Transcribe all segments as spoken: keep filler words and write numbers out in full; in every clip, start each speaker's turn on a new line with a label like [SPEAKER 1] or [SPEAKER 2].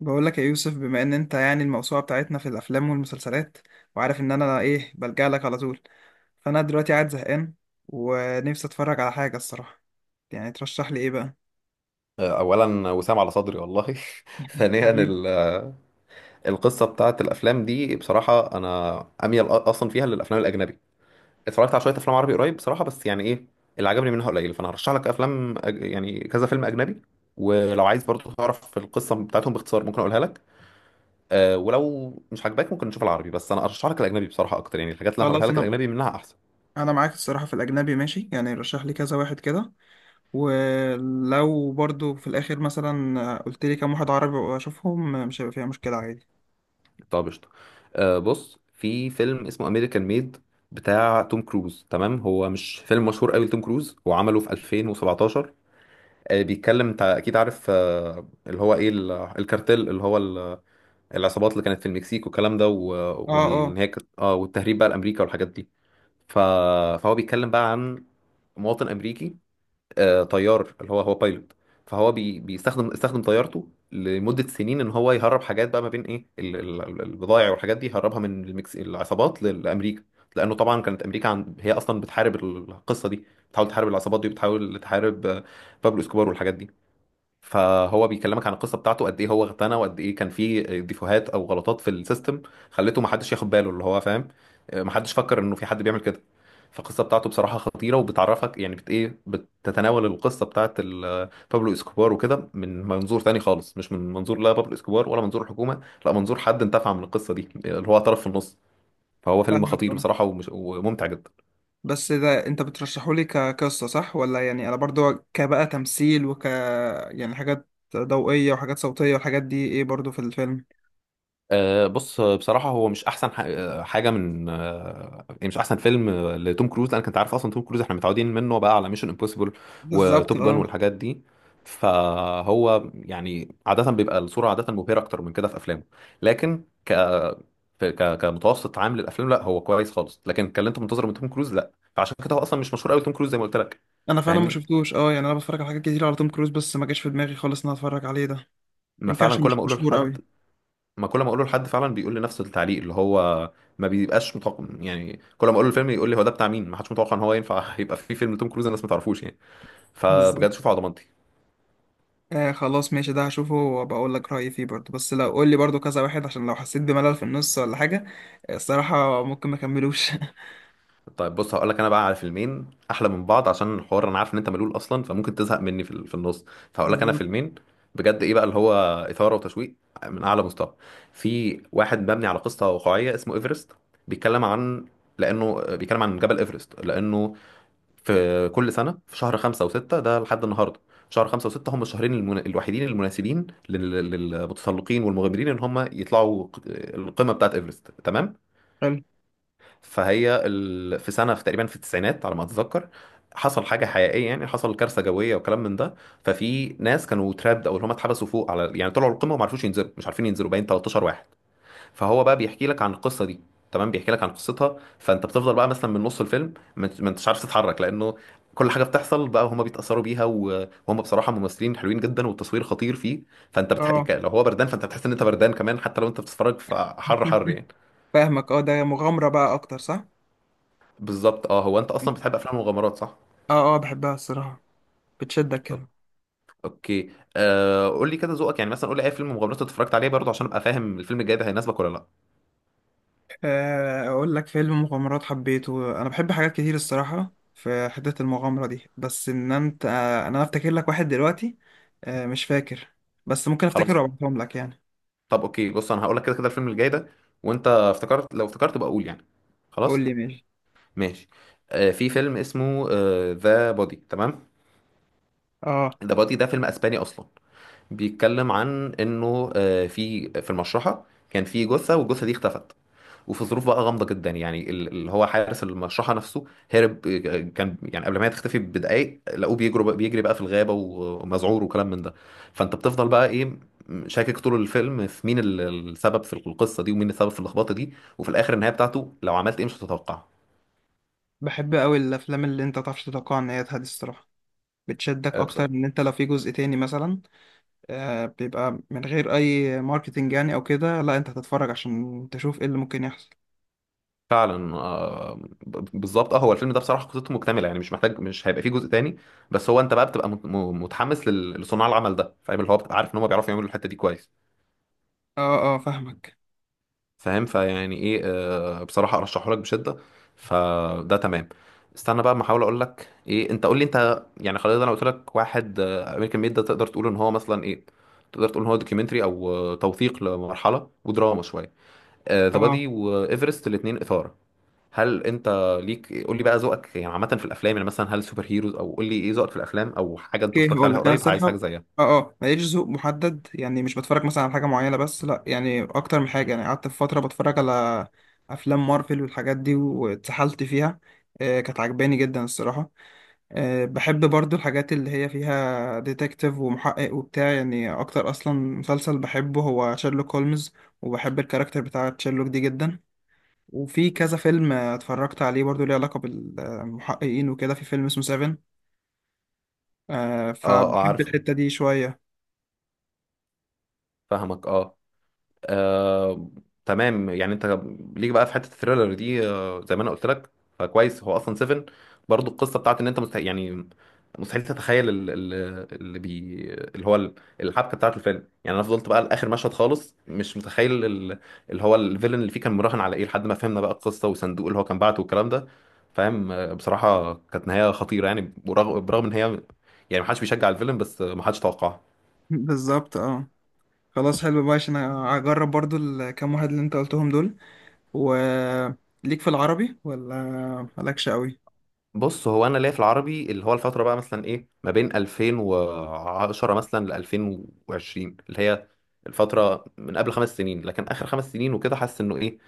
[SPEAKER 1] بقول لك يا يوسف، بما ان انت يعني الموسوعه بتاعتنا في الافلام والمسلسلات، وعارف ان انا ايه بلجأ لك على طول. فانا دلوقتي قاعد زهقان ونفسي اتفرج على حاجه الصراحه، يعني ترشح لي ايه بقى؟
[SPEAKER 2] اولا وسام على صدري والله. ثانيا،
[SPEAKER 1] حبيبي.
[SPEAKER 2] ال- القصه بتاعت الافلام دي بصراحه، انا اميل اصلا فيها للافلام الاجنبي. اتفرجت على شويه افلام عربي قريب بصراحه، بس يعني ايه اللي عجبني منها قليل. فانا هرشح لك افلام أج- يعني كذا فيلم اجنبي، ولو عايز برضو تعرف القصه بتاعتهم باختصار ممكن اقولها لك. أه، ولو مش عاجباك ممكن نشوف العربي، بس انا ارشح لك الاجنبي بصراحه اكتر، يعني الحاجات اللي انا هقولها
[SPEAKER 1] خلاص،
[SPEAKER 2] لك
[SPEAKER 1] انا
[SPEAKER 2] الاجنبي منها احسن.
[SPEAKER 1] انا معاك الصراحه في الاجنبي، ماشي، يعني رشح لي كذا واحد كده. ولو برضو في الاخر مثلا قلت لي كام واحد عربي واشوفهم مش هيبقى فيها مشكله، عادي.
[SPEAKER 2] طب قشطة. آه بص، في فيلم اسمه امريكان ميد بتاع توم كروز، تمام. هو مش فيلم مشهور قوي لتوم كروز، هو عمله في ألفين وسبعتاشر. آه بيتكلم، انت اكيد عارف آه اللي هو ايه ال- الكارتيل، اللي هو ال- العصابات اللي كانت في المكسيك والكلام ده، و-
[SPEAKER 1] اه،
[SPEAKER 2] وان
[SPEAKER 1] اه،
[SPEAKER 2] هي كانت- اه والتهريب بقى لامريكا والحاجات دي. ف... فهو بيتكلم بقى عن مواطن امريكي، آه، طيار، اللي هو هو بايلوت. فهو بي بيستخدم استخدم طيارته لمدة سنين ان هو يهرب حاجات بقى ما بين ايه ال- ال- البضائع والحاجات دي، يهربها من المكس... العصابات لل- لامريكا. لانه طبعا كانت امريكا عن... هي اصلا بتحارب القصة دي، بتحاول تحارب العصابات دي، وبتحاول تحارب آه، بابلو اسكوبار والحاجات دي. فهو بيكلمك عن القصه بتاعته، قد ايه هو اغتنى، وقد ايه كان فيه ديفوهات او غلطات في السيستم خلته ما حدش ياخد باله، اللي هو فاهم، ما حدش فكر انه في حد بيعمل كده. فالقصه بتاعته بصراحه خطيره، وبتعرفك يعني بت ايه بتتناول القصه بتاعت ال- بابلو اسكوبار وكده من منظور تاني خالص، مش من منظور لا بابلو اسكوبار ولا منظور الحكومه، لا منظور حد انتفع من القصه دي، اللي هو طرف في النص. فهو فيلم
[SPEAKER 1] فاهمك،
[SPEAKER 2] خطير
[SPEAKER 1] اه.
[SPEAKER 2] بصراحه، ومش وممتع جدا.
[SPEAKER 1] بس ده انت بترشحولي كقصة، صح ولا يعني انا برضو كبقى تمثيل وك يعني حاجات ضوئية وحاجات صوتية والحاجات دي، ايه برضو في الفيلم؟
[SPEAKER 2] آه، بص، آه، بصراحة هو مش أحسن ح- آه، حاجة من آه، يعني مش أحسن فيلم آه، لتوم كروز، لأنك أنت عارف أصلا توم كروز إحنا متعودين منه بقى على ميشن امبوسيبل
[SPEAKER 1] بالظبط،
[SPEAKER 2] وتوب جان
[SPEAKER 1] اه.
[SPEAKER 2] والحاجات دي. فهو يعني عادة بيبقى الصورة عادة مبهرة أكتر من كده في أفلامه، لكن ك... في- ك... كمتوسط عام للأفلام، لا هو كويس خالص، لكن كان اللي أنت منتظره من توم كروز لا. فعشان كده هو أصلا مش مشهور قوي، توم كروز زي ما قلت لك.
[SPEAKER 1] انا فعلا ما
[SPEAKER 2] فاهمني؟
[SPEAKER 1] شفتوش، اه، يعني انا بتفرج على حاجات كتير على توم كروز، بس ما جاش في دماغي خالص ان انا اتفرج عليه ده.
[SPEAKER 2] ما
[SPEAKER 1] يمكن
[SPEAKER 2] فعلا
[SPEAKER 1] عشان
[SPEAKER 2] كل
[SPEAKER 1] مش
[SPEAKER 2] ما أقوله
[SPEAKER 1] مشهور
[SPEAKER 2] لحد
[SPEAKER 1] قوي.
[SPEAKER 2] ما كل ما اقوله لحد فعلا بيقول لي نفس التعليق، اللي هو ما بيبقاش متوقع. يعني كل ما اقوله الفيلم يقول لي هو ده بتاع مين، ما حدش متوقع ان هو ينفع. يبقى في فيلم توم كروز الناس ما تعرفوش يعني.
[SPEAKER 1] بالظبط.
[SPEAKER 2] فبجد شوفه على ضمانتي.
[SPEAKER 1] آه، خلاص، ماشي، ده هشوفه وبقول لك رأيي فيه برضو، بس لو قول لي برضو كذا واحد عشان لو حسيت بملل في النص ولا حاجة، آه، الصراحة ممكن ما اكملوش.
[SPEAKER 2] طيب بص، هقول لك انا بقى على فيلمين احلى من بعض، عشان الحوار انا عارف ان انت ملول اصلا، فممكن تزهق مني في ال- في النص. فهقول لك انا
[SPEAKER 1] بالظبط.
[SPEAKER 2] فيلمين بجد، ايه بقى اللي هو اثاره وتشويق من اعلى مستوى. في واحد مبني على قصه واقعيه اسمه ايفرست. بيتكلم عن لانه بيتكلم عن جبل ايفرست، لانه في كل سنة في شهر خمسة وستة ده لحد النهاردة. شهر خمسة وستة هم الشهرين المن... الوحيدين المناسبين لل... للمتسلقين والمغامرين ان هم يطلعوا ق- القمة بتاعت ايفرست، تمام.
[SPEAKER 1] حلو.
[SPEAKER 2] فهي ال... في سنة في تقريبا في التسعينات على ما اتذكر، حصل حاجة حقيقية، يعني حصل كارثة جوية وكلام من ده. ففي ناس كانوا ترابد او اللي هم اتحبسوا فوق، على يعني طلعوا القمة وما عرفوش ينزلوا، مش عارفين ينزلوا، باين تلتاشر واحد. فهو بقى بيحكي لك عن القصه دي، تمام، بيحكي لك عن قصتها. فانت بتفضل بقى مثلا من نص الفيلم ما انت- ما انتش عارف تتحرك، لانه كل حاجه بتحصل بقى هما بيتاثروا بيها، و- وهم بصراحه ممثلين حلوين جدا، والتصوير خطير فيه. فانت بتح...
[SPEAKER 1] اه.
[SPEAKER 2] ك- لو هو بردان فانت بتحس ان انت بردان كمان، حتى لو انت بتتفرج فحر حر يعني.
[SPEAKER 1] فاهمك، اه، ده مغامرة بقى اكتر، صح؟
[SPEAKER 2] بالظبط، اه، هو انت اصلا بتحب افلام المغامرات صح؟
[SPEAKER 1] اه، اه، بحبها الصراحة، بتشدك
[SPEAKER 2] أوك-
[SPEAKER 1] كده.
[SPEAKER 2] اوكي. آه قول لي كده ذوقك، يعني مثلا قول لي اي فيلم مغامرات اتفرجت عليه برضه، عشان ابقى فاهم الفيلم الجاي ده هيناسبك ولا لا.
[SPEAKER 1] آه، اقول لك فيلم مغامرات حبيته، انا بحب حاجات كتير الصراحة في حتة المغامرة دي، بس ان انت، آه، انا افتكر لك واحد دلوقتي. آه، مش فاكر، بس ممكن
[SPEAKER 2] خلاص.
[SPEAKER 1] افتكره وابعتهم لك يعني.
[SPEAKER 2] طب اوكي، بص انا هقول لك كده كده الفيلم الجاي ده، وانت افتكرت لو افتكرت بقى قول يعني. خلاص
[SPEAKER 1] قول لي، ماشي.
[SPEAKER 2] ماشي. آه في فيلم اسمه ذا بودي، تمام.
[SPEAKER 1] اه،
[SPEAKER 2] ذا بودي ده فيلم اسباني اصلا. بيتكلم عن انه آه في في المشرحه كان في جثه، والجثه دي اختفت. وفي ظروف بقى غامضه جدا، يعني ال- اللي هو حارس المشرحه نفسه هرب. آه، كان يعني قبل ما هي تختفي بدقائق لقوه بيجري بقى، بيجري بقى في الغابه، ومذعور وكلام من ده. فانت بتفضل بقى ايه، شاكك طول الفيلم في مين ال- السبب في القصه دي، ومين السبب في اللخبطه دي. وفي الاخر النهايه بتاعته لو عملت ايه مش هتتوقع.
[SPEAKER 1] بحب قوي الافلام اللي انت متعرفش تتوقع نهايتها دي الصراحة، بتشدك
[SPEAKER 2] آه، بس-
[SPEAKER 1] اكتر ان انت لو في جزء تاني مثلا، آه، بيبقى من غير اي ماركتينج يعني او كده، لا، انت هتتفرج عشان تشوف ايه اللي ممكن يحصل.
[SPEAKER 2] فعلا. آه، ب- بالظبط، اه، هو الفيلم ده بصراحه قصته مكتمله، يعني مش محتاج مش هيبقى فيه جزء تاني. بس هو انت بقى بتبقى مت- م- متحمس لل- لصناع العمل ده، فاهم، اللي هو بتبقى عارف ان هم بيعرفوا يعملوا الحته دي كويس.
[SPEAKER 1] اه، اه، فاهمك،
[SPEAKER 2] فاهم، فيعني ايه آه بصراحة ارشحه لك بشدة، فده تمام. استنى بقى، ما احاول اقول لك ايه انت، قول لي انت يعني. خلاص، انا قلت لك واحد امريكان ميد، ده تقدر تقول ان هو مثلا ايه، تقدر تقول ان هو دوكيومنتري، او آه، توثيق لمرحلة ودراما شوية. ذا
[SPEAKER 1] اه.
[SPEAKER 2] بادي وايفرست الاتنين اثارة. هل انت ليك قول لي بقى ذوقك، يعني عامة في الافلام، يعني مثلا هل سوبر هيروز، او قول لي ايه ذوقك في الافلام، او حاجة انت
[SPEAKER 1] اوكي،
[SPEAKER 2] اتفرجت
[SPEAKER 1] هقول
[SPEAKER 2] عليها
[SPEAKER 1] لك انا
[SPEAKER 2] قريب عايز
[SPEAKER 1] الصراحه.
[SPEAKER 2] حاجة زيها.
[SPEAKER 1] اه، اه، ماليش ذوق محدد يعني، مش بتفرج مثلا على حاجه معينه بس، لا يعني اكتر من حاجه، يعني قعدت في فتره بتفرج على افلام مارفل والحاجات دي واتسحلت فيها. آه، كانت عجباني جدا الصراحه. آه، بحب برضو الحاجات اللي هي فيها ديتكتيف ومحقق وبتاع، يعني اكتر اصلا مسلسل بحبه هو شيرلوك هولمز، وبحب الكاركتر بتاع شيرلوك دي جدا. وفي كذا فيلم آه، اتفرجت عليه برضو ليه علاقه بالمحققين وكده، في فيلم اسمه سيفن، آه،
[SPEAKER 2] اه، اه،
[SPEAKER 1] فبحب
[SPEAKER 2] عارف،
[SPEAKER 1] الحتة دي شوية.
[SPEAKER 2] فاهمك، اه. آه، تمام، يعني انت ليك بقى في حته الثريلر دي آه، زي ما انا قلت لك. فكويس، هو اصلا سفن برضو القصه بتاعت ان انت مستحيل يعني، مستحيل تتخيل ال- ال- اللي بي اللي هو ال- الحبكه بتاعت الفيلم. يعني انا فضلت بقى لاخر مشهد خالص مش متخيل ال- اللي هو الفيلن اللي فيه كان مراهن على ايه، لحد ما فهمنا بقى القصه والصندوق اللي هو كان بعته والكلام ده. فاهم. آه، بصراحه كانت نهايه خطيره يعني، برغم برغم ان هي يعني ما حدش بيشجع الفيلم، بس آه، ما حدش توقعها.
[SPEAKER 1] بالظبط، اه. خلاص، حلو بقى، عشان هجرب برضو الكام واحد اللي انت قلتهم دول. وليك في العربي ولا مالكش قوي؟
[SPEAKER 2] بص، هو انا ليا في العربي، اللي هو الفتره بقى مثلا ايه، ما بين ألفين وعشرة مثلا ل ألفين وعشرين، اللي هي الفتره من قبل خمس سنين، لكن اخر خمس سنين وكده، حاسس انه ايه،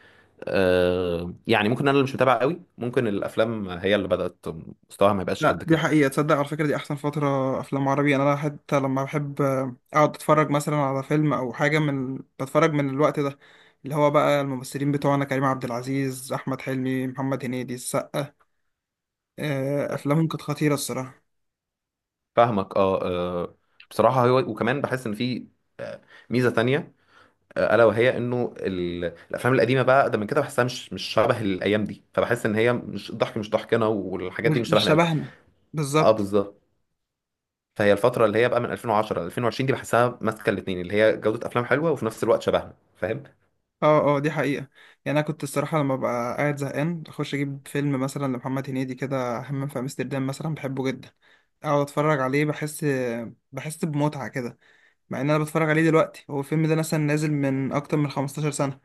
[SPEAKER 2] آه يعني ممكن انا اللي مش متابع قوي، ممكن الافلام هي اللي بدات مستواها ما يبقاش قد
[SPEAKER 1] لا، دي
[SPEAKER 2] كده.
[SPEAKER 1] حقيقة، تصدق على فكرة دي أحسن فترة أفلام عربي، أنا أنا حتى لما بحب أقعد أتفرج مثلا على فيلم أو حاجة من بتفرج من الوقت ده، اللي هو بقى الممثلين بتوعنا كريم عبد العزيز، أحمد حلمي، محمد هنيدي، السقا. آه، أفلامهم كانت خطيرة الصراحة.
[SPEAKER 2] فاهمك، اه، آه، بصراحه هو. وكمان بحس ان في آه، ميزه تانية، آه، الا وهي انه ال- الافلام القديمه بقى ده من كده بحسها مش مش شبه الايام دي. فبحس ان هي مش الضحك مش ضحكنا، والحاجات
[SPEAKER 1] مش
[SPEAKER 2] دي مش
[SPEAKER 1] مش
[SPEAKER 2] شبهنا قوي.
[SPEAKER 1] شبهنا.
[SPEAKER 2] اه
[SPEAKER 1] بالظبط.
[SPEAKER 2] بالظبط. فهي الفترة اللي هي بقى من ألفين وعشرة ل ألفين وعشرين دي بحسها ماسكة الاتنين، اللي هي جودة أفلام حلوة، وفي نفس الوقت شبهنا، فاهم؟
[SPEAKER 1] اه، اه، دي حقيقة. يعني انا كنت الصراحة لما ببقى قاعد زهقان اخش اجيب فيلم مثلا لمحمد هنيدي كده، همام في امستردام مثلا بحبه جدا، اقعد اتفرج عليه، بحس، بحس بمتعة كده. مع ان انا بتفرج عليه دلوقتي، هو الفيلم ده مثلا نازل من اكتر من 15 سنة،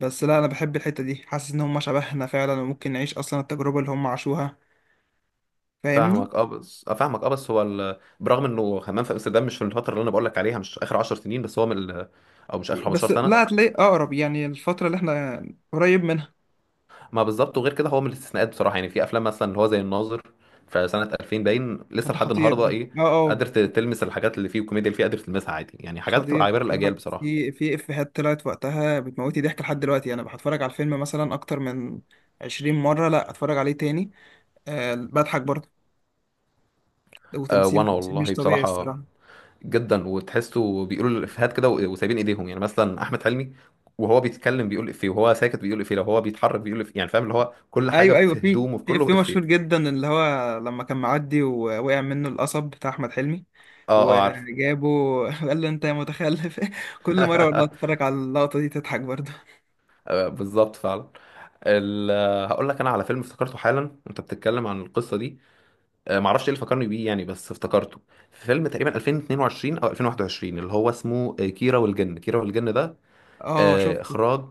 [SPEAKER 1] بس لا، انا بحب الحتة دي، حاسس ان هم شبهنا فعلا وممكن نعيش اصلا التجربة اللي هم عاشوها، فاهمني؟
[SPEAKER 2] فاهمك اه بس اه فاهمك، اه، بس هو ال... برغم انه همام في امستردام مش في الفترة اللي انا بقول لك عليها، مش اخر 10 سنين، بس هو من ال... او مش اخر 15
[SPEAKER 1] بس
[SPEAKER 2] سنة.
[SPEAKER 1] لا، هتلاقي اقرب يعني، الفترة اللي احنا قريب منها.
[SPEAKER 2] ما بالظبط، وغير كده هو من الاستثناءات بصراحة، يعني في افلام مثلا اللي هو زي الناظر في سنة ألفين باين لسه
[SPEAKER 1] ده
[SPEAKER 2] لحد
[SPEAKER 1] خطير
[SPEAKER 2] النهاردة
[SPEAKER 1] ده،
[SPEAKER 2] ايه،
[SPEAKER 1] اه، اه.
[SPEAKER 2] قادر ت- تلمس الحاجات اللي فيه والكوميديا اللي فيه قادر تلمسها عادي، يعني حاجات بتبقى
[SPEAKER 1] حضير
[SPEAKER 2] عبارة الاجيال
[SPEAKER 1] بصراحة،
[SPEAKER 2] بصراحة.
[SPEAKER 1] في في إفيهات طلعت وقتها بتموتني ضحك لحد دلوقتي، أنا بتفرج على الفيلم مثلا أكتر من عشرين مرة، لأ أتفرج عليه تاني، أه، بضحك برضه.
[SPEAKER 2] أه،
[SPEAKER 1] وتمثيل،
[SPEAKER 2] وانا
[SPEAKER 1] تمثيل مش
[SPEAKER 2] والله
[SPEAKER 1] طبيعي
[SPEAKER 2] بصراحة
[SPEAKER 1] الصراحة.
[SPEAKER 2] جدا، وتحسه بيقولوا الافيهات كده و- وسايبين ايديهم. يعني مثلا احمد حلمي، وهو بيتكلم بيقول افيه، وهو ساكت بيقول افيه، لو هو بيتحرك بيقول افيه، يعني فاهم، اللي هو كل حاجه
[SPEAKER 1] أيوه، أيوه،
[SPEAKER 2] في
[SPEAKER 1] في
[SPEAKER 2] هدومه في
[SPEAKER 1] في
[SPEAKER 2] كله
[SPEAKER 1] إفيه مشهور
[SPEAKER 2] افيه.
[SPEAKER 1] جدا اللي هو لما كان معدي ووقع منه القصب بتاع أحمد حلمي
[SPEAKER 2] اه، اه، عارف.
[SPEAKER 1] وجابه، قال له أنت يا متخلف. كل مرة والله أتفرج على اللقطة دي تضحك برضه.
[SPEAKER 2] آه، بالظبط فعلا. ال- هقول لك انا على فيلم افتكرته حالا وانت بتتكلم عن القصه دي. آه، معرفش ايه اللي فكرني بيه يعني، بس افتكرته. في فيلم تقريبا ألفين واتنين وعشرين او ألفين وواحد وعشرين اللي هو اسمه آه، كيرة والجن. كيرة والجن ده
[SPEAKER 1] أه،
[SPEAKER 2] آه،
[SPEAKER 1] شفته،
[SPEAKER 2] اخراج،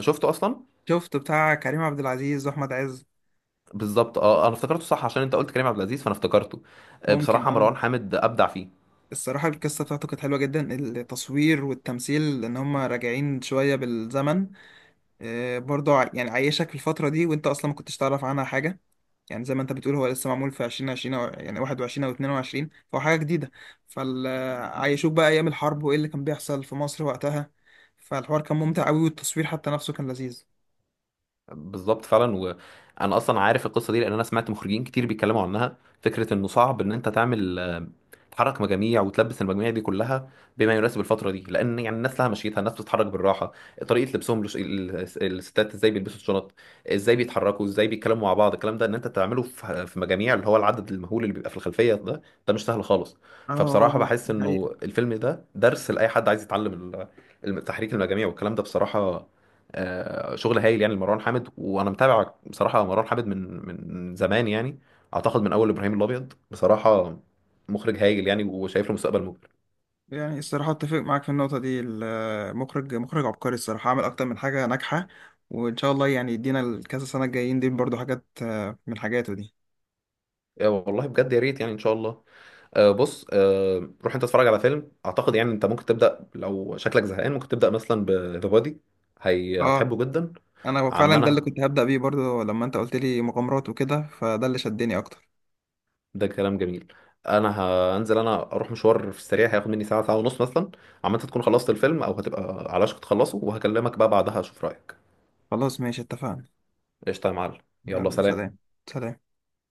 [SPEAKER 2] شفته اصلا؟
[SPEAKER 1] شفته بتاع كريم عبد العزيز وأحمد عز.
[SPEAKER 2] بالظبط، اه، انا افتكرته صح عشان انت قلت كريم عبد العزيز، فانا افتكرته. آه،
[SPEAKER 1] ممكن،
[SPEAKER 2] بصراحه
[SPEAKER 1] أه.
[SPEAKER 2] مروان حامد ابدع فيه.
[SPEAKER 1] الصراحة القصة بتاعته كانت حلوة جدا، التصوير والتمثيل ان هما راجعين شوية بالزمن، آه، برضه ع- يعني عايشك في الفترة دي، وانت اصلا ما كنتش تعرف عنها حاجة. يعني زي ما انت بتقول، هو لسه معمول في عشرين عشرين او يعني واحد وعشرين او اتنين وعشرين، فهو حاجة جديدة. فعايشوك بقى ايام الحرب وايه اللي كان بيحصل في مصر وقتها، فالحوار كان ممتع قوي، والتصوير حتى نفسه كان لذيذ.
[SPEAKER 2] بالظبط فعلا. وانا اصلا عارف القصه دي لان انا سمعت مخرجين كتير بيتكلموا عنها، فكره انه صعب ان انت تعمل تحرك مجاميع، وتلبس المجاميع دي كلها بما يناسب الفتره دي، لان يعني الناس لها مشيتها، الناس بتتحرك بالراحه، طريقه لبسهم لش... ال- الستات ازاي بيلبسوا الشنط، ازاي بيتحركوا، ازاي بيتكلموا مع بعض، الكلام ده ان انت تعمله في في مجاميع، اللي هو العدد المهول اللي بيبقى في الخلفيه ده، ده مش سهل خالص.
[SPEAKER 1] اه،
[SPEAKER 2] فبصراحه
[SPEAKER 1] اه،
[SPEAKER 2] بحس
[SPEAKER 1] دي حقيقة.
[SPEAKER 2] انه الفيلم ده درس لاي حد عايز يتعلم ال- الم- تحريك المجاميع والكلام ده بصراحه. آه، شغل هايل يعني لمروان حامد، وانا متابع بصراحه مروان حامد من من زمان يعني، اعتقد من اول ابراهيم الابيض بصراحه. مخرج هايل يعني، وشايف له مستقبل مبهر.
[SPEAKER 1] يعني الصراحة اتفق معاك في النقطة دي، المخرج مخرج عبقري الصراحة، عمل أكتر من حاجة ناجحة، وإن شاء الله يعني يدينا الكذا سنة الجايين دي برضو حاجات، آه، من حاجاته دي.
[SPEAKER 2] آه، والله بجد يا ريت، يعني ان شاء الله. آه، بص، آه، روح انت اتفرج على فيلم اعتقد يعني انت ممكن تبدا، لو شكلك زهقان ممكن تبدا مثلا بذا بادي، هي
[SPEAKER 1] اه،
[SPEAKER 2] هتحبه جدا.
[SPEAKER 1] أنا فعلا ده اللي
[SPEAKER 2] عمنا،
[SPEAKER 1] كنت هبدأ بيه برضو لما أنت قلت لي مغامرات وكده، فده اللي شدني أكتر.
[SPEAKER 2] ده كلام جميل. انا هنزل، انا اروح مشوار في السريع هياخد مني ساعه ساعه ونص مثلا. عم انت تكون خلصت الفيلم او هتبقى على وشك تخلصه، وهكلمك بقى بعدها اشوف رايك.
[SPEAKER 1] خلاص، ماشي، اتفقنا.
[SPEAKER 2] قشطه يا معلم، يلا
[SPEAKER 1] يلا سلام.
[SPEAKER 2] سلام.
[SPEAKER 1] سلام.